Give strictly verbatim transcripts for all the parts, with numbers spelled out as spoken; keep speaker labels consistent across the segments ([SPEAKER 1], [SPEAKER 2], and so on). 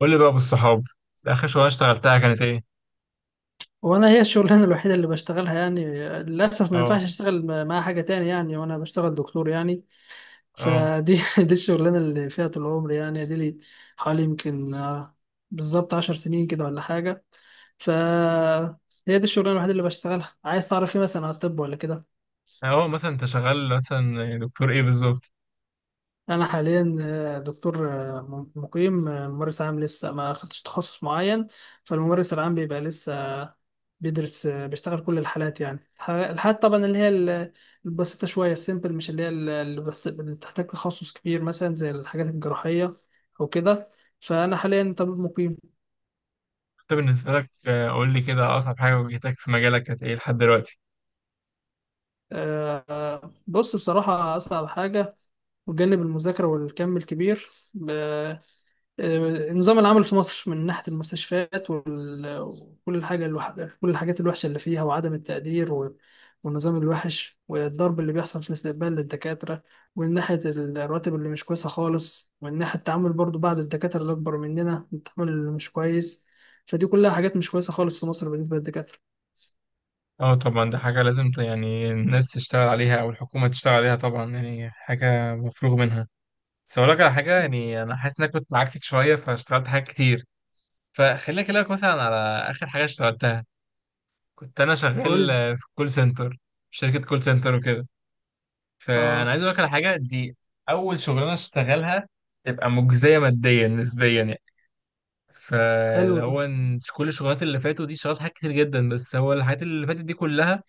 [SPEAKER 1] قول لي بقى بالصحاب، اخر شغلانه اشتغلتها كانت ايه؟
[SPEAKER 2] وانا هي الشغلانه الوحيده اللي بشتغلها يعني. للاسف ما
[SPEAKER 1] اه.
[SPEAKER 2] ينفعش اشتغل م- مع حاجه تاني يعني، وانا بشتغل دكتور يعني.
[SPEAKER 1] اه.
[SPEAKER 2] فدي دي الشغلانه اللي فيها طول عمري يعني، دي لي حوالي يمكن آه، بالظبط عشر سنين كده ولا حاجه. ف هي دي الشغلانه الوحيده اللي بشتغلها. عايز تعرف ايه مثلا على الطب ولا كده؟
[SPEAKER 1] اه، مثلا انت شغال مثلا دكتور ايه بالظبط؟
[SPEAKER 2] انا حاليا آه، دكتور آه، مقيم آه، ممارس عام، لسه ما خدتش تخصص معين. فالممارس العام بيبقى لسه بيدرس بيشتغل كل الحالات، يعني الح- الحالات طبعا اللي هي ال- البسيطة شوية، السيمبل، مش اللي هي ال- اللي بت- اللي بتحتاج تخصص كبير مثلا زي الحاجات الجراحية أو كده. فأنا حاليا طبيب مقيم.
[SPEAKER 1] انت بالنسبه لك، آه، قول لي كده، اصعب حاجه واجهتك في مجالك كانت ايه لحد دلوقتي؟
[SPEAKER 2] آه، بص، بصراحة أصعب حاجة بجانب المذاكرة والكم الكبير آه، نظام العمل في مصر من ناحية المستشفيات وال- وكل الحاجة الوح... كل الحاجات الوحشة اللي فيها، وعدم التقدير و... والنظام الوحش، والضرب اللي بيحصل في الاستقبال للدكاترة، ومن ناحية الرواتب اللي مش كويسة خالص، ومن ناحية التعامل برضو بعض الدكاترة اللي أكبر مننا، التعامل اللي مش كويس. فدي كلها حاجات مش كويسة خالص في مصر بالنسبة للدكاترة.
[SPEAKER 1] اه طبعا، دي حاجه لازم ت- يعني الناس تشتغل عليها او الحكومه تشتغل عليها، طبعا يعني حاجه مفروغ منها. بس اقول لك على حاجه، يعني انا حاسس انك كنت عكسك شويه فاشتغلت حاجات كتير. فخليني اكلمك مثلا على اخر حاجه اشتغلتها. كنت انا شغال،
[SPEAKER 2] قول.
[SPEAKER 1] آه، في كول سنتر، شركه كول سنتر وكده. فانا
[SPEAKER 2] اه،
[SPEAKER 1] عايز اقول لك على حاجه دي. اول شغلانه اشتغلها تبقى مجزيه ماديا نسبيا يعني.
[SPEAKER 2] حلو
[SPEAKER 1] فاللي
[SPEAKER 2] ده.
[SPEAKER 1] هو إن كل الشغلات اللي فاتوا دي، اشتغلت حاجات كتير جدا، بس هو الحاجات اللي فاتت دي كلها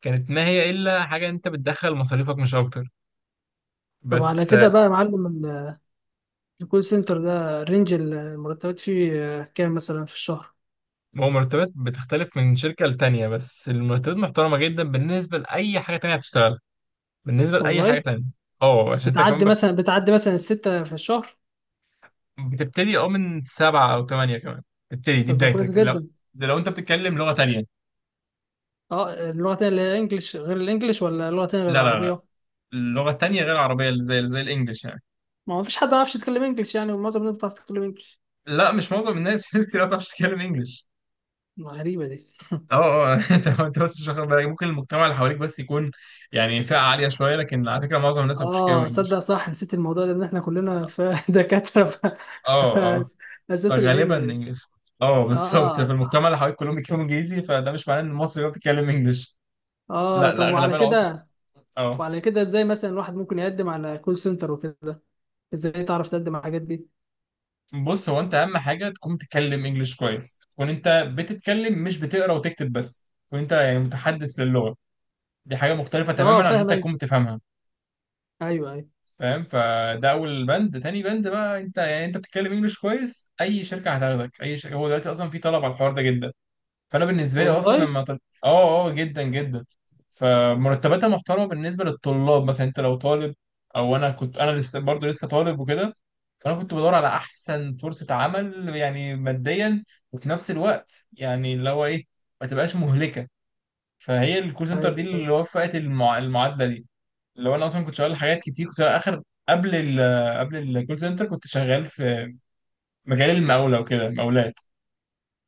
[SPEAKER 1] كانت ما هي الا حاجه انت بتدخل مصاريفك مش اكتر.
[SPEAKER 2] طب على
[SPEAKER 1] بس
[SPEAKER 2] كده
[SPEAKER 1] آه،
[SPEAKER 2] بقى يا معلم، ال- الكول سنتر ده رينج المرتبات فيه آه، كام مثلا في الشهر؟
[SPEAKER 1] هو مرتبات بتختلف من شركه لتانيه، بس المرتبات محترمه جدا بالنسبه لاي حاجه تانيه هتشتغلها، بالنسبه لاي
[SPEAKER 2] والله.
[SPEAKER 1] حاجه تانيه. اه عشان انت كمان
[SPEAKER 2] بتعدي
[SPEAKER 1] بك-
[SPEAKER 2] مثلا بتعدي مثلا الستة في الشهر؟
[SPEAKER 1] بتبتدي اه من سبعه او ثمانيه كمان. بتبتدي دي
[SPEAKER 2] طب ده كويس
[SPEAKER 1] بدايتك لو،
[SPEAKER 2] جدا.
[SPEAKER 1] لو انت بتتكلم لغه تانيه.
[SPEAKER 2] اه، اللغة تانية اللي هي انجلش، غير الانجليش ولا لغة تانية غير
[SPEAKER 1] لا لا لا،
[SPEAKER 2] العربية؟
[SPEAKER 1] اللغة التانية غير العربية، اللي زي زي الانجليش يعني.
[SPEAKER 2] ما هو فيش حد ما يعرفش يتكلم انجليش يعني، ومعظم الناس بتعرف تتكلم انجليش.
[SPEAKER 1] لا مش معظم الناس في ناس كتير ما بتعرفش تتكلم انجليش.
[SPEAKER 2] غريبة دي.
[SPEAKER 1] اه. اه انت انت بس مش واخد بالك، ممكن المجتمع اللي حواليك بس يكون يعني فئة عالية شوية، لكن على فكرة معظم الناس ما بيعرفوش يتكلموا
[SPEAKER 2] اه، صدق
[SPEAKER 1] انجليش.
[SPEAKER 2] صح، نسيت الموضوع ده ان احنا كلنا في دكاترة في
[SPEAKER 1] اه. اه،
[SPEAKER 2] اساس
[SPEAKER 1] فغالبا
[SPEAKER 2] الانجليش.
[SPEAKER 1] انجليش. اه بالظبط،
[SPEAKER 2] اه،
[SPEAKER 1] في المجتمع
[SPEAKER 2] صح.
[SPEAKER 1] اللي حواليك كلهم بيتكلموا انجليزي، فده مش معناه ان المصري هو بيتكلم انجليش.
[SPEAKER 2] اه،
[SPEAKER 1] لا لا،
[SPEAKER 2] طب وعلى
[SPEAKER 1] اغلبيه العظمى.
[SPEAKER 2] كده
[SPEAKER 1] اه.
[SPEAKER 2] وعلى كده ازاي مثلا الواحد ممكن يقدم على كول سنتر وكده؟ ازاي تعرف تقدم على الحاجات دي؟
[SPEAKER 1] بص، هو انت اهم حاجه تكون بتتكلم انجليش كويس، تكون انت بتتكلم، مش بتقرا وتكتب بس، تكون انت يعني متحدث للغه. دي حاجة مختلفة
[SPEAKER 2] اه،
[SPEAKER 1] تماما عن إن
[SPEAKER 2] فاهم،
[SPEAKER 1] أنت
[SPEAKER 2] ايوه،
[SPEAKER 1] تكون بتفهمها.
[SPEAKER 2] ايوه، ايوه.
[SPEAKER 1] فاهم؟ فده أول بند. تاني بند بقى، أنت يعني أنت بتتكلم إنجلش كويس، أي شركة هتاخدك، أي شركة. هو دلوقتي أصلا في طلب على الحوار ده جدا. فأنا بالنسبة لي أصلا
[SPEAKER 2] والله.
[SPEAKER 1] لما طل... آه آه آه، جدا جدا. فمرتباتها محترمة بالنسبة للطلاب، مثلا أنت لو طالب، أو أنا كنت، أنا لسه برضه لسه طالب وكده. فأنا كنت بدور على أحسن فرصة عمل يعني ماديا، وفي نفس الوقت يعني اللي هو إيه، ما تبقاش مهلكة. فهي الكول سنتر دي
[SPEAKER 2] ايوه،
[SPEAKER 1] اللي وفقت المع... المعادلة دي. لو انا اصلا كنت شغال حاجات كتير، كنت اخر، قبل ال قبل الكول سنتر كنت شغال في مجال المقاولة وكده، مقاولات.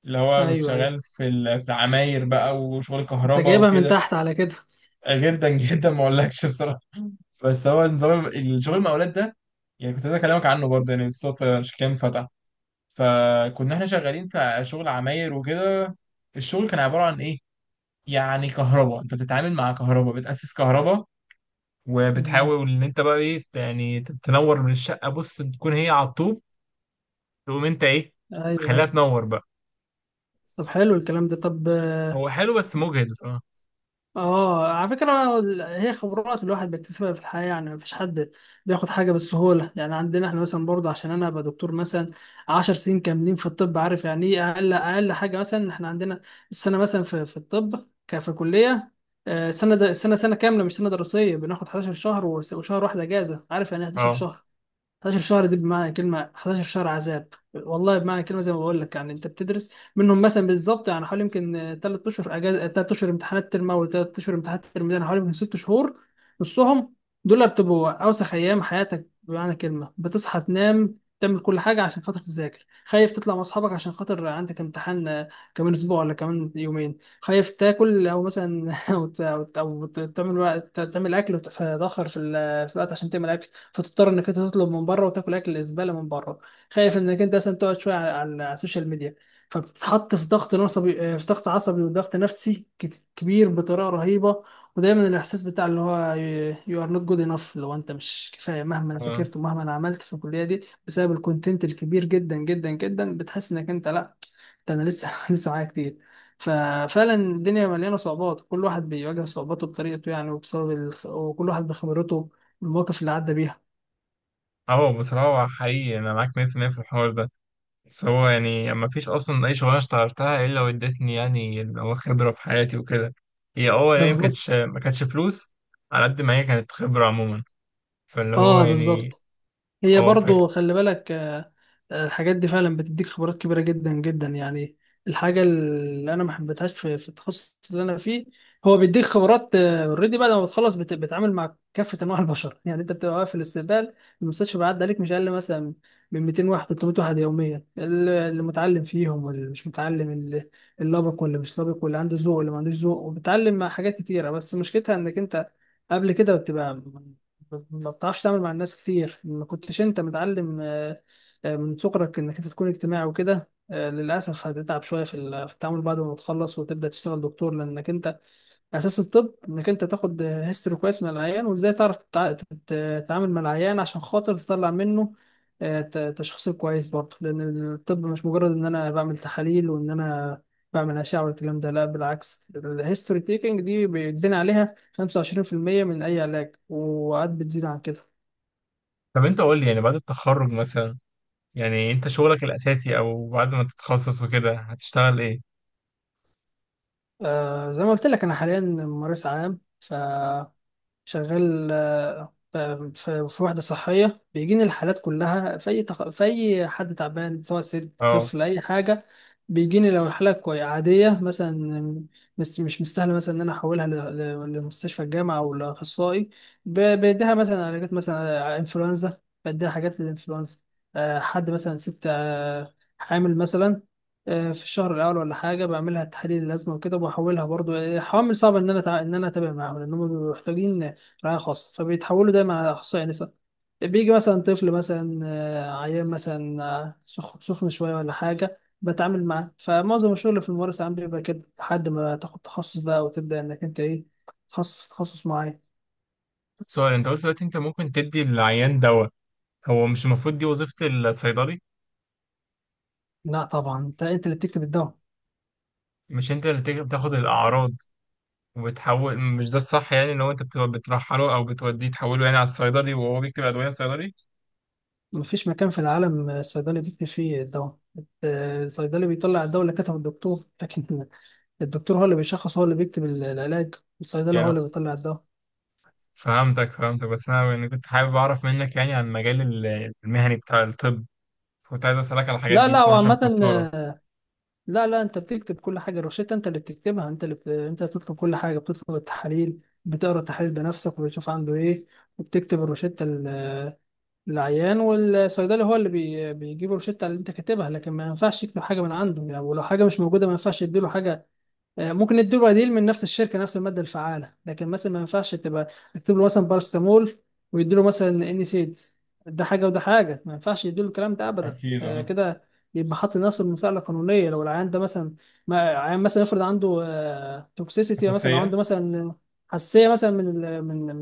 [SPEAKER 1] اللي هو كنت
[SPEAKER 2] ايوه، ايوه.
[SPEAKER 1] شغال في ال- في العماير بقى، وشغل
[SPEAKER 2] انت
[SPEAKER 1] كهرباء
[SPEAKER 2] جايبها من
[SPEAKER 1] وكده.
[SPEAKER 2] تحت على كده.
[SPEAKER 1] جدا جدا، ما اقولكش بصراحة. بس هو نظام الشغل
[SPEAKER 2] اه.
[SPEAKER 1] المقاولات ده، يعني كنت عايز اكلمك عنه برضه، يعني بالصدفة الكلام اتفتح. فكنا احنا شغالين في شغل عماير وكده. الشغل كان عبارة عن ايه؟ يعني كهرباء، انت بتتعامل مع كهرباء، بتأسس كهرباء،
[SPEAKER 2] مم.
[SPEAKER 1] وبتحاول ان انت بقى ايه يعني، تنور من الشقه. بص بتكون هي على الطوب، تقوم انت ايه،
[SPEAKER 2] ايوه،
[SPEAKER 1] خليها
[SPEAKER 2] ايوه.
[SPEAKER 1] تنور بقى.
[SPEAKER 2] طب حلو الكلام ده، طب اه.
[SPEAKER 1] هو حلو بس مجهد بصراحه.
[SPEAKER 2] آه، على فكره، ال- هي خبرات الواحد بيكتسبها في الحياه يعني، مفيش حد بياخد حاجه بالسهوله يعني. عندنا احنا مثلا برضه، عشان انا ابقى دكتور مثلا 10 سنين كاملين في الطب، عارف يعني ايه؟ اقل اقل حاجه، مثلا احنا عندنا السنه، مثلا في في الطب ك- في كليه، آه، سنه د- سنه سنه كامله مش سنه دراسيه، بناخد 11 شهر وس- وشهر واحد اجازه. عارف يعني إيه 11
[SPEAKER 1] اه.
[SPEAKER 2] شهر؟ 11 شهر دي بمعنى كلمة 11 شهر عذاب. والله، بمعنى كلمة زي ما بقول لك يعني، أنت بتدرس منهم مثلا، بالظبط يعني حوالي يمكن ثلاث أشهر أجازة، ثلاث أشهر امتحانات ترم أول، ثلاث أشهر امتحانات ترم تاني، حوالي يمكن ست شهور، نصهم. دول بتبقوا أوسخ أيام حياتك بمعنى كلمة. بتصحى، تنام، تعمل كل حاجة عشان خاطر تذاكر. خايف تطلع مع أصحابك عشان خاطر عندك امتحان آه، كمان أسبوع ولا كمان يومين. خايف تاكل، أو مثلا أو ت- أو ت- أو ت- تعمل وقت- تعمل أكل وتتأخر في ال- في الوقت عشان تعمل أكل، فتضطر انك انت تطلب من بره وتاكل اكل الزباله من بره. خايف انك انت مثلا تقعد شويه على على- على السوشيال ميديا، فبتتحط في ضغط عصبي آه، في ضغط عصبي وضغط نفسي كت- كبير بطريقه رهيبه. ودايما الاحساس بتاع اللي هو يو ار نوت جود انف، لو انت مش كفايه مهما
[SPEAKER 1] اه.
[SPEAKER 2] ذاكرت ومهما عملت في الكليه دي، بسبب الكونتنت الكبير جدا جدا جدا، بتحس انك انت لا، ده انا لسه لسه معايا كتير. ففعلا الدنيا مليانه صعوبات، كل واحد بيواجه صعوباته بطريقته يعني، وبسبب ال... وكل واحد بخبرته المواقف اللي عدى بيها.
[SPEAKER 1] اه بصراحه، هو حقيقي انا معاك مية في المية في المية في الحوار ده. بس هو يعني ما فيش اصلا اي شغلانه اشتغلتها الا وادتني يعني اللي هو خبره في حياتي وكده. هي اه يعني ما
[SPEAKER 2] بالظبط.
[SPEAKER 1] كانتش ما كانتش فلوس على قد ما هي كانت خبره عموما. فاللي هو
[SPEAKER 2] اه،
[SPEAKER 1] يعني
[SPEAKER 2] بالظبط. هي
[SPEAKER 1] اه ف...
[SPEAKER 2] برضو خلي بالك آه، آه، الحاجات دي فعلا بتديك خبرات كبيره جدا جدا يعني. الحاجه اللي انا ما حبيتهاش في في التخصص اللي انا فيه، هو بيديك خبرات اوريدي بعد ما بتخلص، بت- بتتعامل مع كافه انواع البشر. يعني انت بتبقى واقف في الاستقبال، المستشفى بيعدي عليك مش اقل مثلا من مئتين واحد، ثلاثمئة واحد يوميا، اللي اللي متعلم فيهم واللي مش متعلم، اللي اللي لابق واللي مش لابق، واللي عنده ذوق واللي ما عندوش ذوق، وبتتعلم مع حاجات كتيره. بس مشكلتها انك انت قبل كده بتبقى ما بتعرفش تعمل مع الناس كتير، ما كنتش انت متعلم آه، آه، من صغرك انك انت تكون اجتماعي وكده. آه، للاسف هتتعب شويه في ال- في التعامل بعد ما تخلص وتبدا تشتغل دكتور، لانك انت اساس الطب انك انت تاخد هيستوري كويس من العيان، وازاي تعرف تتع- تت- تتعامل مع العيان عشان خاطر تطلع منه آه، ت- تشخيص كويس برضه، لان الطب مش مجرد ان انا بعمل تحاليل وان انا بعمل اشعه والكلام ده، لا، بالعكس، الهيستوري تيكنج دي بيتبني عليها خمسة وعشرين في المية من اي علاج، وقعد بتزيد عن كده.
[SPEAKER 1] طب انت قول لي، يعني بعد التخرج مثلا، يعني انت شغلك الاساسي او بعد ما تتخصص وكده، هتشتغل ايه؟
[SPEAKER 2] آه، زي ما قلت لك انا حاليا ممارس عام، ف شغال آه، آه، في في وحدة صحية، بيجيني الحالات كلها في أي تخ... في أي حد تعبان سواء ست،
[SPEAKER 1] اه،
[SPEAKER 2] طفل، أي حاجة. بيجيني لو الحالة كوي عادية مثلا، مس- مش مستاهلة مثلا إن أنا أحولها ل... ل... لمستشفى الجامعة أو لأخصائي، ب... بديها مثلا علاجات مثلا آه، إنفلونزا، بديها حاجات للإنفلونزا. آه، حد مثلا ست آه، حامل مثلا آه، في الشهر الاول ولا حاجه، بعملها تحاليل اللازمه وكده، وبحولها برضو. آه، حوامل صعب ان انا تع... ان انا اتابع معاهم، لانهم بيبقوا محتاجين رعاية خاصة، فبيتحولوا دايما على أخصائي نساء. بيجي مثلا طفل مثلا آه، عيان مثلا آه، سخ- سخن شوية ولا حاجة، بتعامل معاه. فمعظم الشغل في الممارسة عام بيبقى كده، لحد ما تاخد تخصص بقى وتبدأ إنك أنت إيه، تخصص في تخصص معين.
[SPEAKER 1] سؤال. انت قلت دلوقتي انت ممكن تدي العيان دواء، هو مش المفروض دي وظيفة الصيدلي؟
[SPEAKER 2] لا طبعا، أنت أنت اللي بتكتب الدواء.
[SPEAKER 1] مش انت اللي تيجي بتاخد الاعراض وبتحول؟ مش ده الصح، يعني ان هو انت بت- بترحله او بتوديه، تحوله يعني على الصيدلي وهو بيكتب ادوية، الصيدلي
[SPEAKER 2] مفيش مكان في العالم الصيدلي بيكتب فيه الدواء. آه، الصيدلي بيطلع الدواء اللي كتبه الدكتور، لكن الدكتور هو اللي بيشخص، هو اللي بيكتب العلاج. الصيدلي هو
[SPEAKER 1] يعني.
[SPEAKER 2] اللي بيطلع الدواء.
[SPEAKER 1] فهمتك، فهمتك. بس انا يعني كنت حابب اعرف منك يعني عن المجال ال- المهني بتاع الطب. كنت عايز اسالك على الحاجات
[SPEAKER 2] لا
[SPEAKER 1] دي
[SPEAKER 2] لا،
[SPEAKER 1] بصراحة عشان
[SPEAKER 2] وعامة
[SPEAKER 1] كنت مستغرب.
[SPEAKER 2] لا لا، انت بتكتب كل حاجه، الروشته انت اللي بتكتبها، انت اللي بت... انت بتطلب كل حاجه، بتطلب التحاليل، بتقرا التحاليل بنفسك وبتشوف عنده ايه، وبتكتب الروشته لل- للعيان، والصيدلي هو اللي بي... بيجيب الروشته اللي انت كاتبها، لكن ما ينفعش يكتب حاجه من عنده يعني، ولو حاجه مش موجوده ما ينفعش يديله حاجه. آه، ممكن ادوا بديل من نفس الشركه نفس الماده الفعاله، لكن مثلا ما ينفعش تبقى اكتب له مثلا بارستامول ويدوا له مثلا انيسيد، ده حاجه وده حاجه، ما ينفعش يدوا له الكلام ده ابدا.
[SPEAKER 1] اكيد،
[SPEAKER 2] آه،
[SPEAKER 1] اه.
[SPEAKER 2] كده يبقى حاطط نفسه المساءله القانونيه، لو العيان ده مثلا، ما عيان مثلا يفرض عنده توكسيسيتي مثلا، او
[SPEAKER 1] حساسية.
[SPEAKER 2] عنده مثلا حساسيه مثلا من ال- من من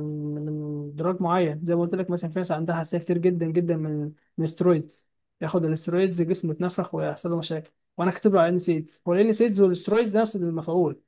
[SPEAKER 2] من دراج معين، زي ما قلت لك مثلا في ناس عندها حساسيه كتير جدا جدا من من السترويدز، ياخد الاسترويدز جسمه يتنفخ ويحصل له مشاكل، وانا كاتب له على النسيت والانسيتس، والاسترويدز نفس المفعول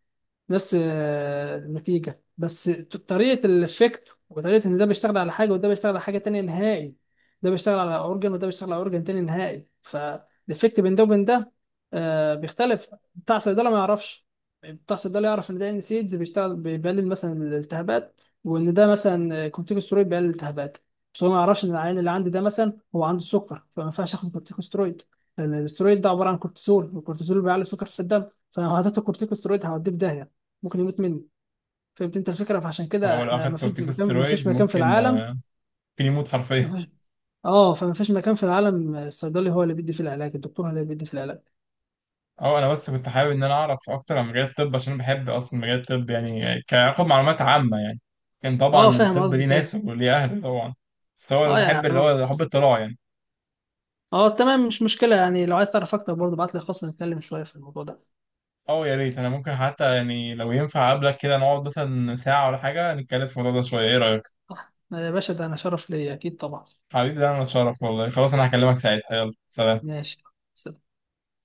[SPEAKER 2] نفس آه، النتيجة، بس ت- طريقة الإفكت وطريقة إن ده بيشتغل على حاجة وده بيشتغل على حاجة تانية نهائي، ده بيشتغل على أورجن وده بيشتغل على أورجن تاني نهائي، فالإفكت بين ده وبين ده آه، بيختلف. بتاع صيدلة ما يعرفش. بتاع صيدلة يعرف إن ده إن سيدز بيشتغل بيقلل مثلا الالتهابات، وإن ده مثلا كورتيكوستيرويد بيقلل الالتهابات، بس هو ما يعرفش إن العيان اللي عندي ده مثلا هو عنده سكر، فما ينفعش آخد كورتيكوستيرويد، لأن الاسترويد ده عبارة عن كورتيزول، والكورتيزول بيعلي السكر في الدم، فلو هديته كورتيكوستيرويد هوديه في داهية، ممكن يموت مني. فهمت انت الفكره؟ فعشان كده
[SPEAKER 1] هو لو
[SPEAKER 2] احنا
[SPEAKER 1] أخد
[SPEAKER 2] ما فيش مكان، ما فيش
[SPEAKER 1] كورتيكوستيرويد
[SPEAKER 2] مكان في
[SPEAKER 1] ممكن،
[SPEAKER 2] العالم.
[SPEAKER 1] ممكن يموت
[SPEAKER 2] ما
[SPEAKER 1] حرفيا.
[SPEAKER 2] فيش. اه، فما فيش مكان في العالم الصيدلي هو اللي بيدي في العلاج، الدكتور هو اللي بيدي في العلاج.
[SPEAKER 1] اه انا بس كنت حابب ان انا اعرف اكتر عن مجال الطب، عشان بحب اصلا مجال الطب يعني، كاخد معلومات عامه يعني. كان طبعا
[SPEAKER 2] اه، فاهم
[SPEAKER 1] الطب ليه
[SPEAKER 2] قصدك
[SPEAKER 1] ناس
[SPEAKER 2] ايه.
[SPEAKER 1] وليه اهل طبعا، بس هو انا
[SPEAKER 2] اه،
[SPEAKER 1] بحب اللي
[SPEAKER 2] يعني،
[SPEAKER 1] هو حب الاطلاع يعني.
[SPEAKER 2] اه، تمام مش مشكله يعني، لو عايز تعرف اكتر برضه ابعت لي خاص نتكلم شويه في الموضوع ده.
[SPEAKER 1] اه يا ريت، انا ممكن حتى يعني لو ينفع اقابلك كده، نقعد مثلا ساعه ولا حاجه، نتكلم في الموضوع ده شويه، ايه رايك؟
[SPEAKER 2] صح. آه، يا باشا، ده انا شرف ليا، اكيد طبعا.
[SPEAKER 1] حبيبي ده انا اتشرف والله. خلاص انا هكلمك ساعتها، يلا سلام.
[SPEAKER 2] ماشي.